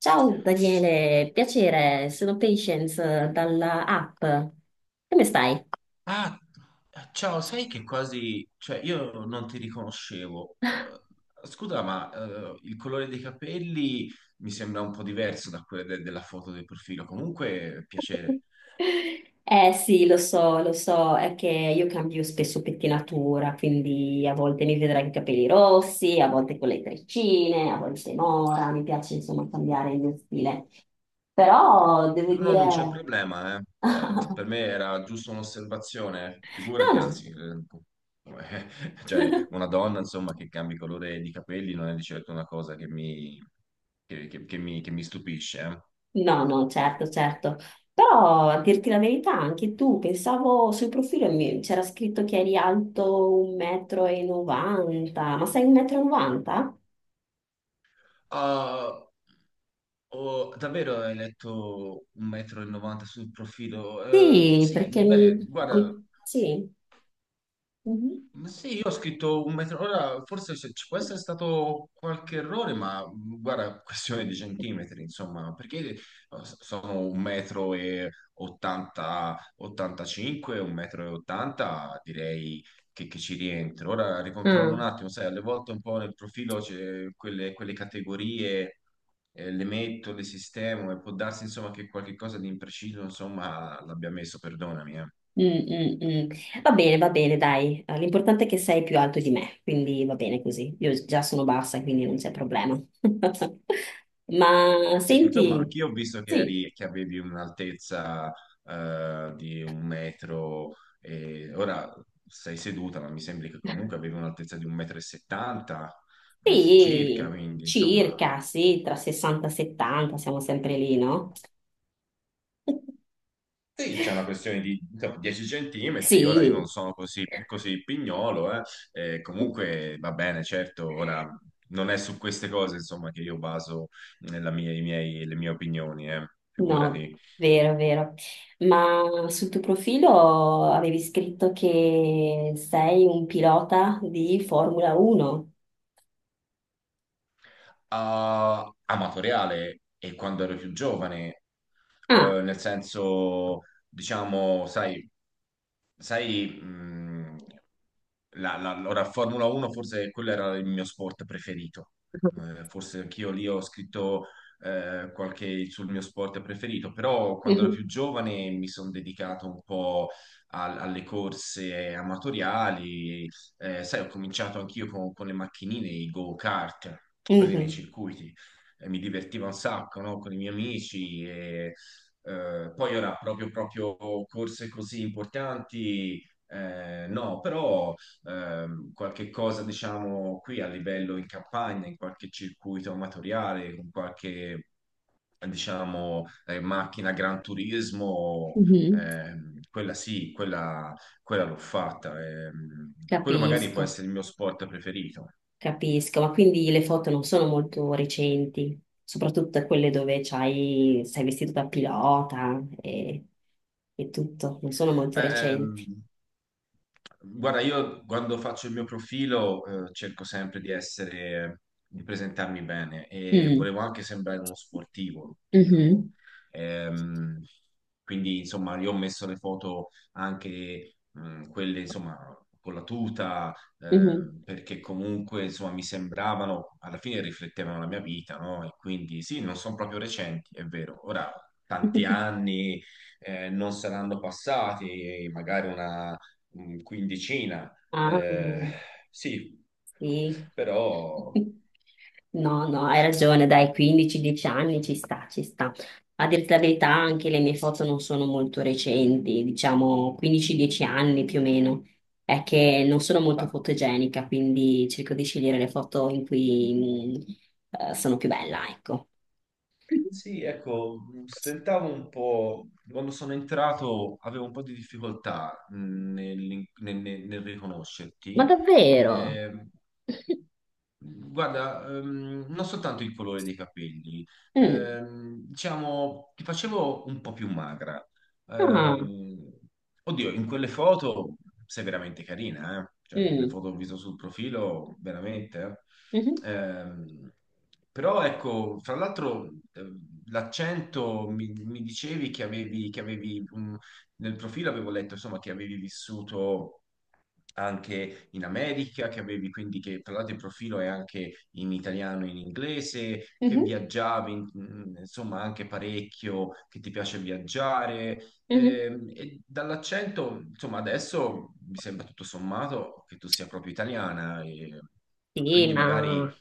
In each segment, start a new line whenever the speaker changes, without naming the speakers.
Ciao Daniele, piacere, sono Patience dalla app. Come stai?
Ah, Ciao, sai che quasi, cioè io non ti riconoscevo. Scusa, ma il colore dei capelli mi sembra un po' diverso da quello della foto del profilo. Comunque, piacere.
Eh sì, lo so, è che io cambio spesso pettinatura, quindi a volte mi vedrai con i capelli rossi, a volte con le treccine, a volte mora, mi piace insomma cambiare il mio stile. Però devo
No, no, non c'è
dire.
problema, eh. Cioè, per me era giusto un'osservazione,
No,
figurati,
no.
anzi, cioè, una donna, insomma, che cambi colore di capelli non è di certo una cosa che mi, che mi stupisce, eh.
No, no, certo, certo. Però a dirti la verità, anche tu, pensavo sul profilo c'era scritto che eri alto 1,90 m, ma sei 1,90 m?
Ah, Davvero hai letto 1,90 m sul profilo?
Sì,
Sì,
perché
beh, guarda.
sì. Mhm.
Ma sì, io ho scritto un metro, ora forse ci può essere stato qualche errore, ma guarda, questione di centimetri, insomma, perché sono un metro e 80, 85, un metro e 80, direi che ci rientro. Ora ricontrollo
Ah,
un attimo, sai, alle volte un po' nel profilo c'è quelle categorie, le metto, le sistemo e può darsi, insomma, che qualche cosa di impreciso, insomma, l'abbia messo, perdonami, eh.
mm, mm, mm. Va bene, dai. L'importante è che sei più alto di me, quindi va bene così. Io già sono bassa, quindi non c'è problema. Ma
Sì, insomma,
senti,
anch'io ho visto che,
sì.
che avevi un'altezza di un metro, e ora sei seduta, ma mi sembra che comunque avevi un'altezza di un metro e 70, quindi circa,
Sì,
quindi insomma.
circa, sì, tra 60 e 70, siamo sempre lì, no?
Sì, c'è una questione di insomma, 10 centimetri, ora io non
Sì,
sono così, così pignolo, e comunque va bene, certo, ora non è su queste cose insomma che io baso nella mia- i miei- le mie opinioni,
no,
figurati.
vero, vero. Ma sul tuo profilo avevi scritto che sei un pilota di Formula 1.
Amatoriale e quando ero più giovane,
Ah,
nel senso, diciamo, sai, ora Formula 1 forse quello era il mio sport preferito. Forse anch'io lì ho scritto qualche sul mio sport preferito, però quando ero
mhm,
più giovane mi sono dedicato un po' alle corse amatoriali. Sai, ho cominciato anch'io con le macchinine, i go-kart, quelli nei
mhm,
circuiti. Mi divertiva un sacco, no? Con i miei amici e poi ora proprio, proprio corse così importanti, no, però qualche cosa diciamo qui a livello in campagna, in qualche circuito amatoriale, con qualche diciamo macchina Gran Turismo,
mhm,
quella sì, quella l'ho fatta. Quello magari può
capisco.
essere il mio sport preferito.
Capisco, ma quindi le foto non sono molto recenti, soprattutto quelle dove c'hai, sei vestito da pilota e tutto, non sono molto recenti.
Ehm, Guarda, io quando faccio il mio profilo cerco sempre di essere, di presentarmi bene e
Mm.
volevo anche sembrare uno sportivo, ti dico.
Mhm.
Ehm, quindi, insomma, io ho messo le foto anche quelle, insomma, con la tuta,
Mhm.
perché comunque, insomma, mi sembravano, alla fine riflettevano la mia vita, no? E quindi sì, non sono proprio recenti, è vero. Ora, tanti anni non saranno passati magari una quindicina.
Ah,
eh, sì,
sì.
però,
No, no, hai ragione, dai, 15-10 anni ci sta, ci sta. A dirti la verità, anche le mie foto non sono molto recenti, diciamo 15-10 anni più o meno. È che non sono
ma
molto fotogenica, quindi cerco di scegliere le foto in cui sono più bella, ecco.
sì, ecco, stentavo un po', quando sono entrato avevo un po' di difficoltà nel
Ma
riconoscerti,
davvero?
eh, Guarda, non soltanto il colore dei capelli,
Mm.
diciamo, ti facevo un po' più magra.
Ah,
Ehm, Oddio, in quelle foto sei veramente carina, eh? Cioè, le
mm.
foto che ho visto sul profilo, veramente.
Mhm,
eh. Ehm, Però ecco, fra l'altro, l'accento mi dicevi che avevi nel profilo avevo letto, insomma, che avevi vissuto anche in America, che avevi quindi che parlate il profilo è anche in italiano e in inglese, che
mhm,
viaggiavi, insomma, anche parecchio, che ti piace viaggiare.
mhm.
E dall'accento, insomma, adesso mi sembra tutto sommato che tu sia proprio italiana, e
Sì,
quindi magari.
ma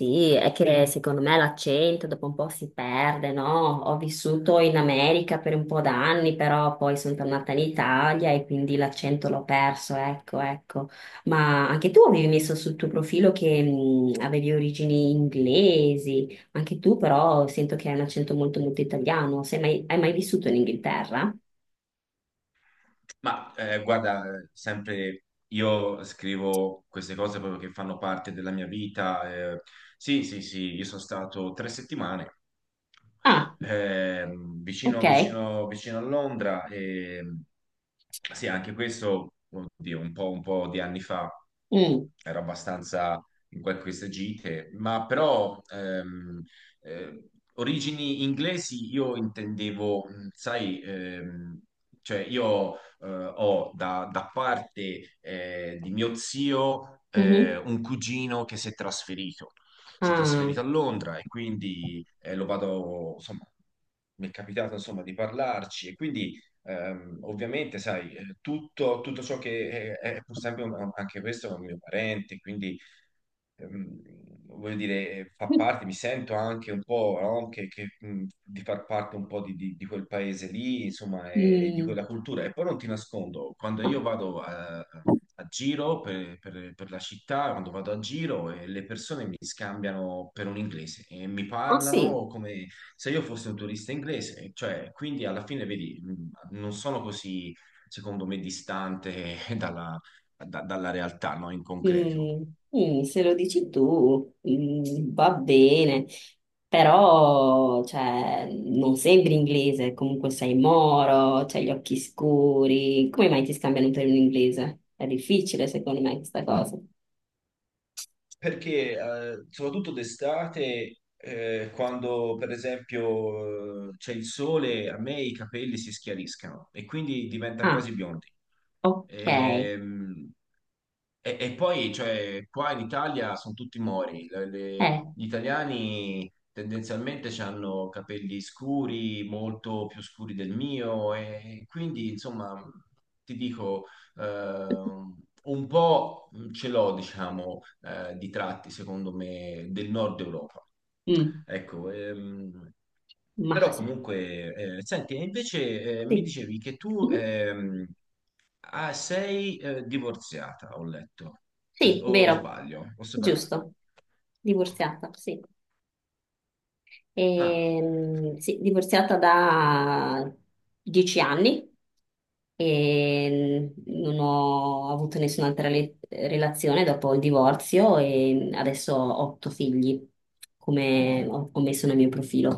sì, è che secondo me l'accento dopo un po' si perde, no? Ho vissuto in America per un po' d'anni, però poi sono tornata in Italia e quindi l'accento l'ho perso, ecco, ecco. Ma anche tu avevi messo sul tuo profilo che avevi origini inglesi, anche tu però sento che hai un accento molto molto italiano. Sei mai- Hai mai vissuto in Inghilterra?
Ma guarda, sempre io scrivo queste cose proprio che fanno parte della mia vita. Sì, sì, sì, io sono stato 3 settimane
Ah, ok.
vicino a Londra e sì, anche questo, oddio, un po' di anni fa
Mm,
ero abbastanza in queste gite, ma però eh, origini inglesi io intendevo, sai, cioè io eh, ho da parte di mio zio
mhm.
un cugino che si è trasferito. Si è
Ah,
trasferito a Londra e quindi lo vado, insomma, mi è capitato insomma di parlarci e quindi ovviamente, sai, tutto ciò che è pur sempre anche questo è un mio parente, quindi ehm, voglio dire, fa parte, mi sento anche un po', no? Di far parte un po' di quel paese lì, insomma, e di
mm.
quella cultura. E poi non ti nascondo, quando
Ah,
io vado a giro per la città, quando vado a giro, le persone mi scambiano per un inglese e mi
ah, sì.
parlano come se io fossi un turista inglese, cioè, quindi alla fine, vedi, non sono così, secondo me, distante dalla realtà, no? In concreto.
Mm, mm, se lo dici tu, mm, va bene, però cioè, non sembri inglese, comunque sei moro, c'hai gli occhi scuri, come mai ti scambiano per un inglese? È difficile secondo me questa cosa.
Perché soprattutto d'estate, quando per esempio c'è il sole, a me i capelli si schiariscano e quindi diventano
Ah,
quasi biondi.
ok,
Ehm, e poi, cioè, qua in Italia sono tutti mori, gli italiani tendenzialmente hanno capelli scuri, molto più scuri del mio, e quindi, insomma, ti dico, ehm, un po' ce l'ho, diciamo, di tratti, secondo me, del nord Europa.
mm,
Ecco,
ma
però
se-
comunque, senti, e invece mi
sì,
dicevi che tu
mhm.
ah, sei divorziata, ho letto,
Sì,
o
vero,
sbaglio, o separata.
giusto, divorziata, sì.
Ah,
Sì, divorziata da 10 anni e non ho avuto nessun'altra relazione dopo il divorzio e adesso ho otto figli, come ho messo nel mio profilo.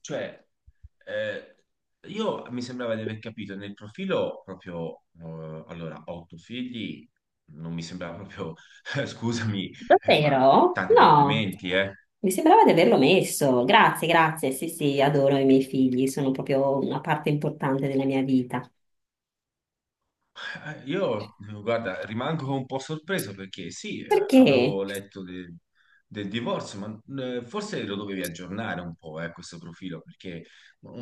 cioè, eh, io mi sembrava di aver capito nel profilo proprio, allora, otto figli, non mi sembrava proprio, scusami, ma
Davvero?
tanti
No,
complimenti, eh.
mi sembrava di averlo messo. Grazie, grazie. Sì, sì, adoro i miei figli, sono proprio una parte importante della mia vita.
Io, guarda, rimango un po' sorpreso perché sì, avevo
Perché?
letto del divorzio, ma forse lo dovevi aggiornare un po', questo profilo, perché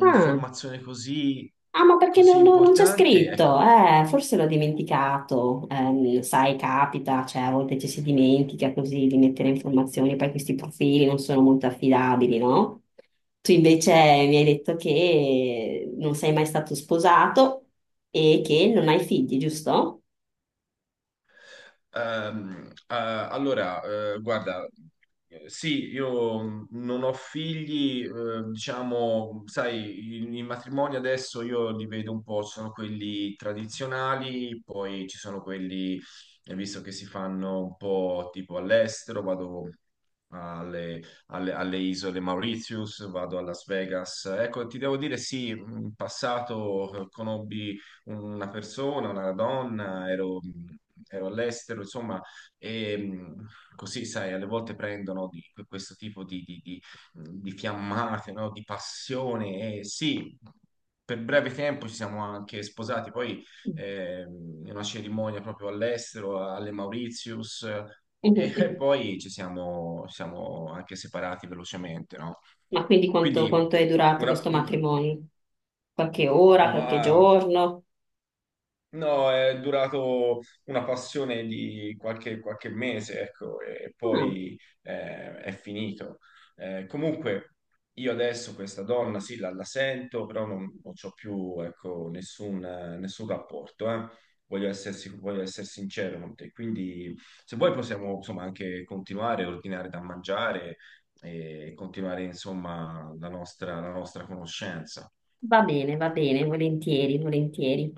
Ah.
così,
Ah, ma perché
così
non c'è
importante, ecco.
scritto? Forse l'ho dimenticato. Sai, capita, cioè a volte ci si dimentica così di mettere informazioni, poi questi profili non sono molto affidabili, no? Tu invece mi hai detto che non sei mai stato sposato e che non hai figli, giusto?
Allora, guarda, sì, io non ho figli, diciamo, sai, i matrimoni adesso io li vedo un po', ci sono quelli tradizionali, poi ci sono quelli, visto che si fanno un po' tipo all'estero, vado alle, alle isole Mauritius, vado a Las Vegas. Ecco, ti devo dire, sì, in passato conobbi una persona, una donna, ero all'estero, insomma, e così, sai, alle volte prendono questo tipo di fiammate, no? Di passione, e sì. Per breve tempo ci siamo anche sposati, poi in una cerimonia proprio all'estero, alle Mauritius,
Mhm,
e
mhm.
poi ci siamo anche separati velocemente, no?
Ma quindi quanto,
Quindi,
quanto è durato
una,
questo
un-
matrimonio? Qualche ora, qualche
ma
giorno?
no, è durato una passione di qualche mese, ecco, e
Ah,
poi è finito. Comunque, io adesso questa donna, sì, la sento, però non c'ho più, ecco, nessun rapporto, eh. Voglio essere sincero con te. Quindi, se vuoi, possiamo, insomma, anche continuare, ordinare da mangiare e continuare, insomma, la nostra conoscenza.
va bene, volentieri, volentieri.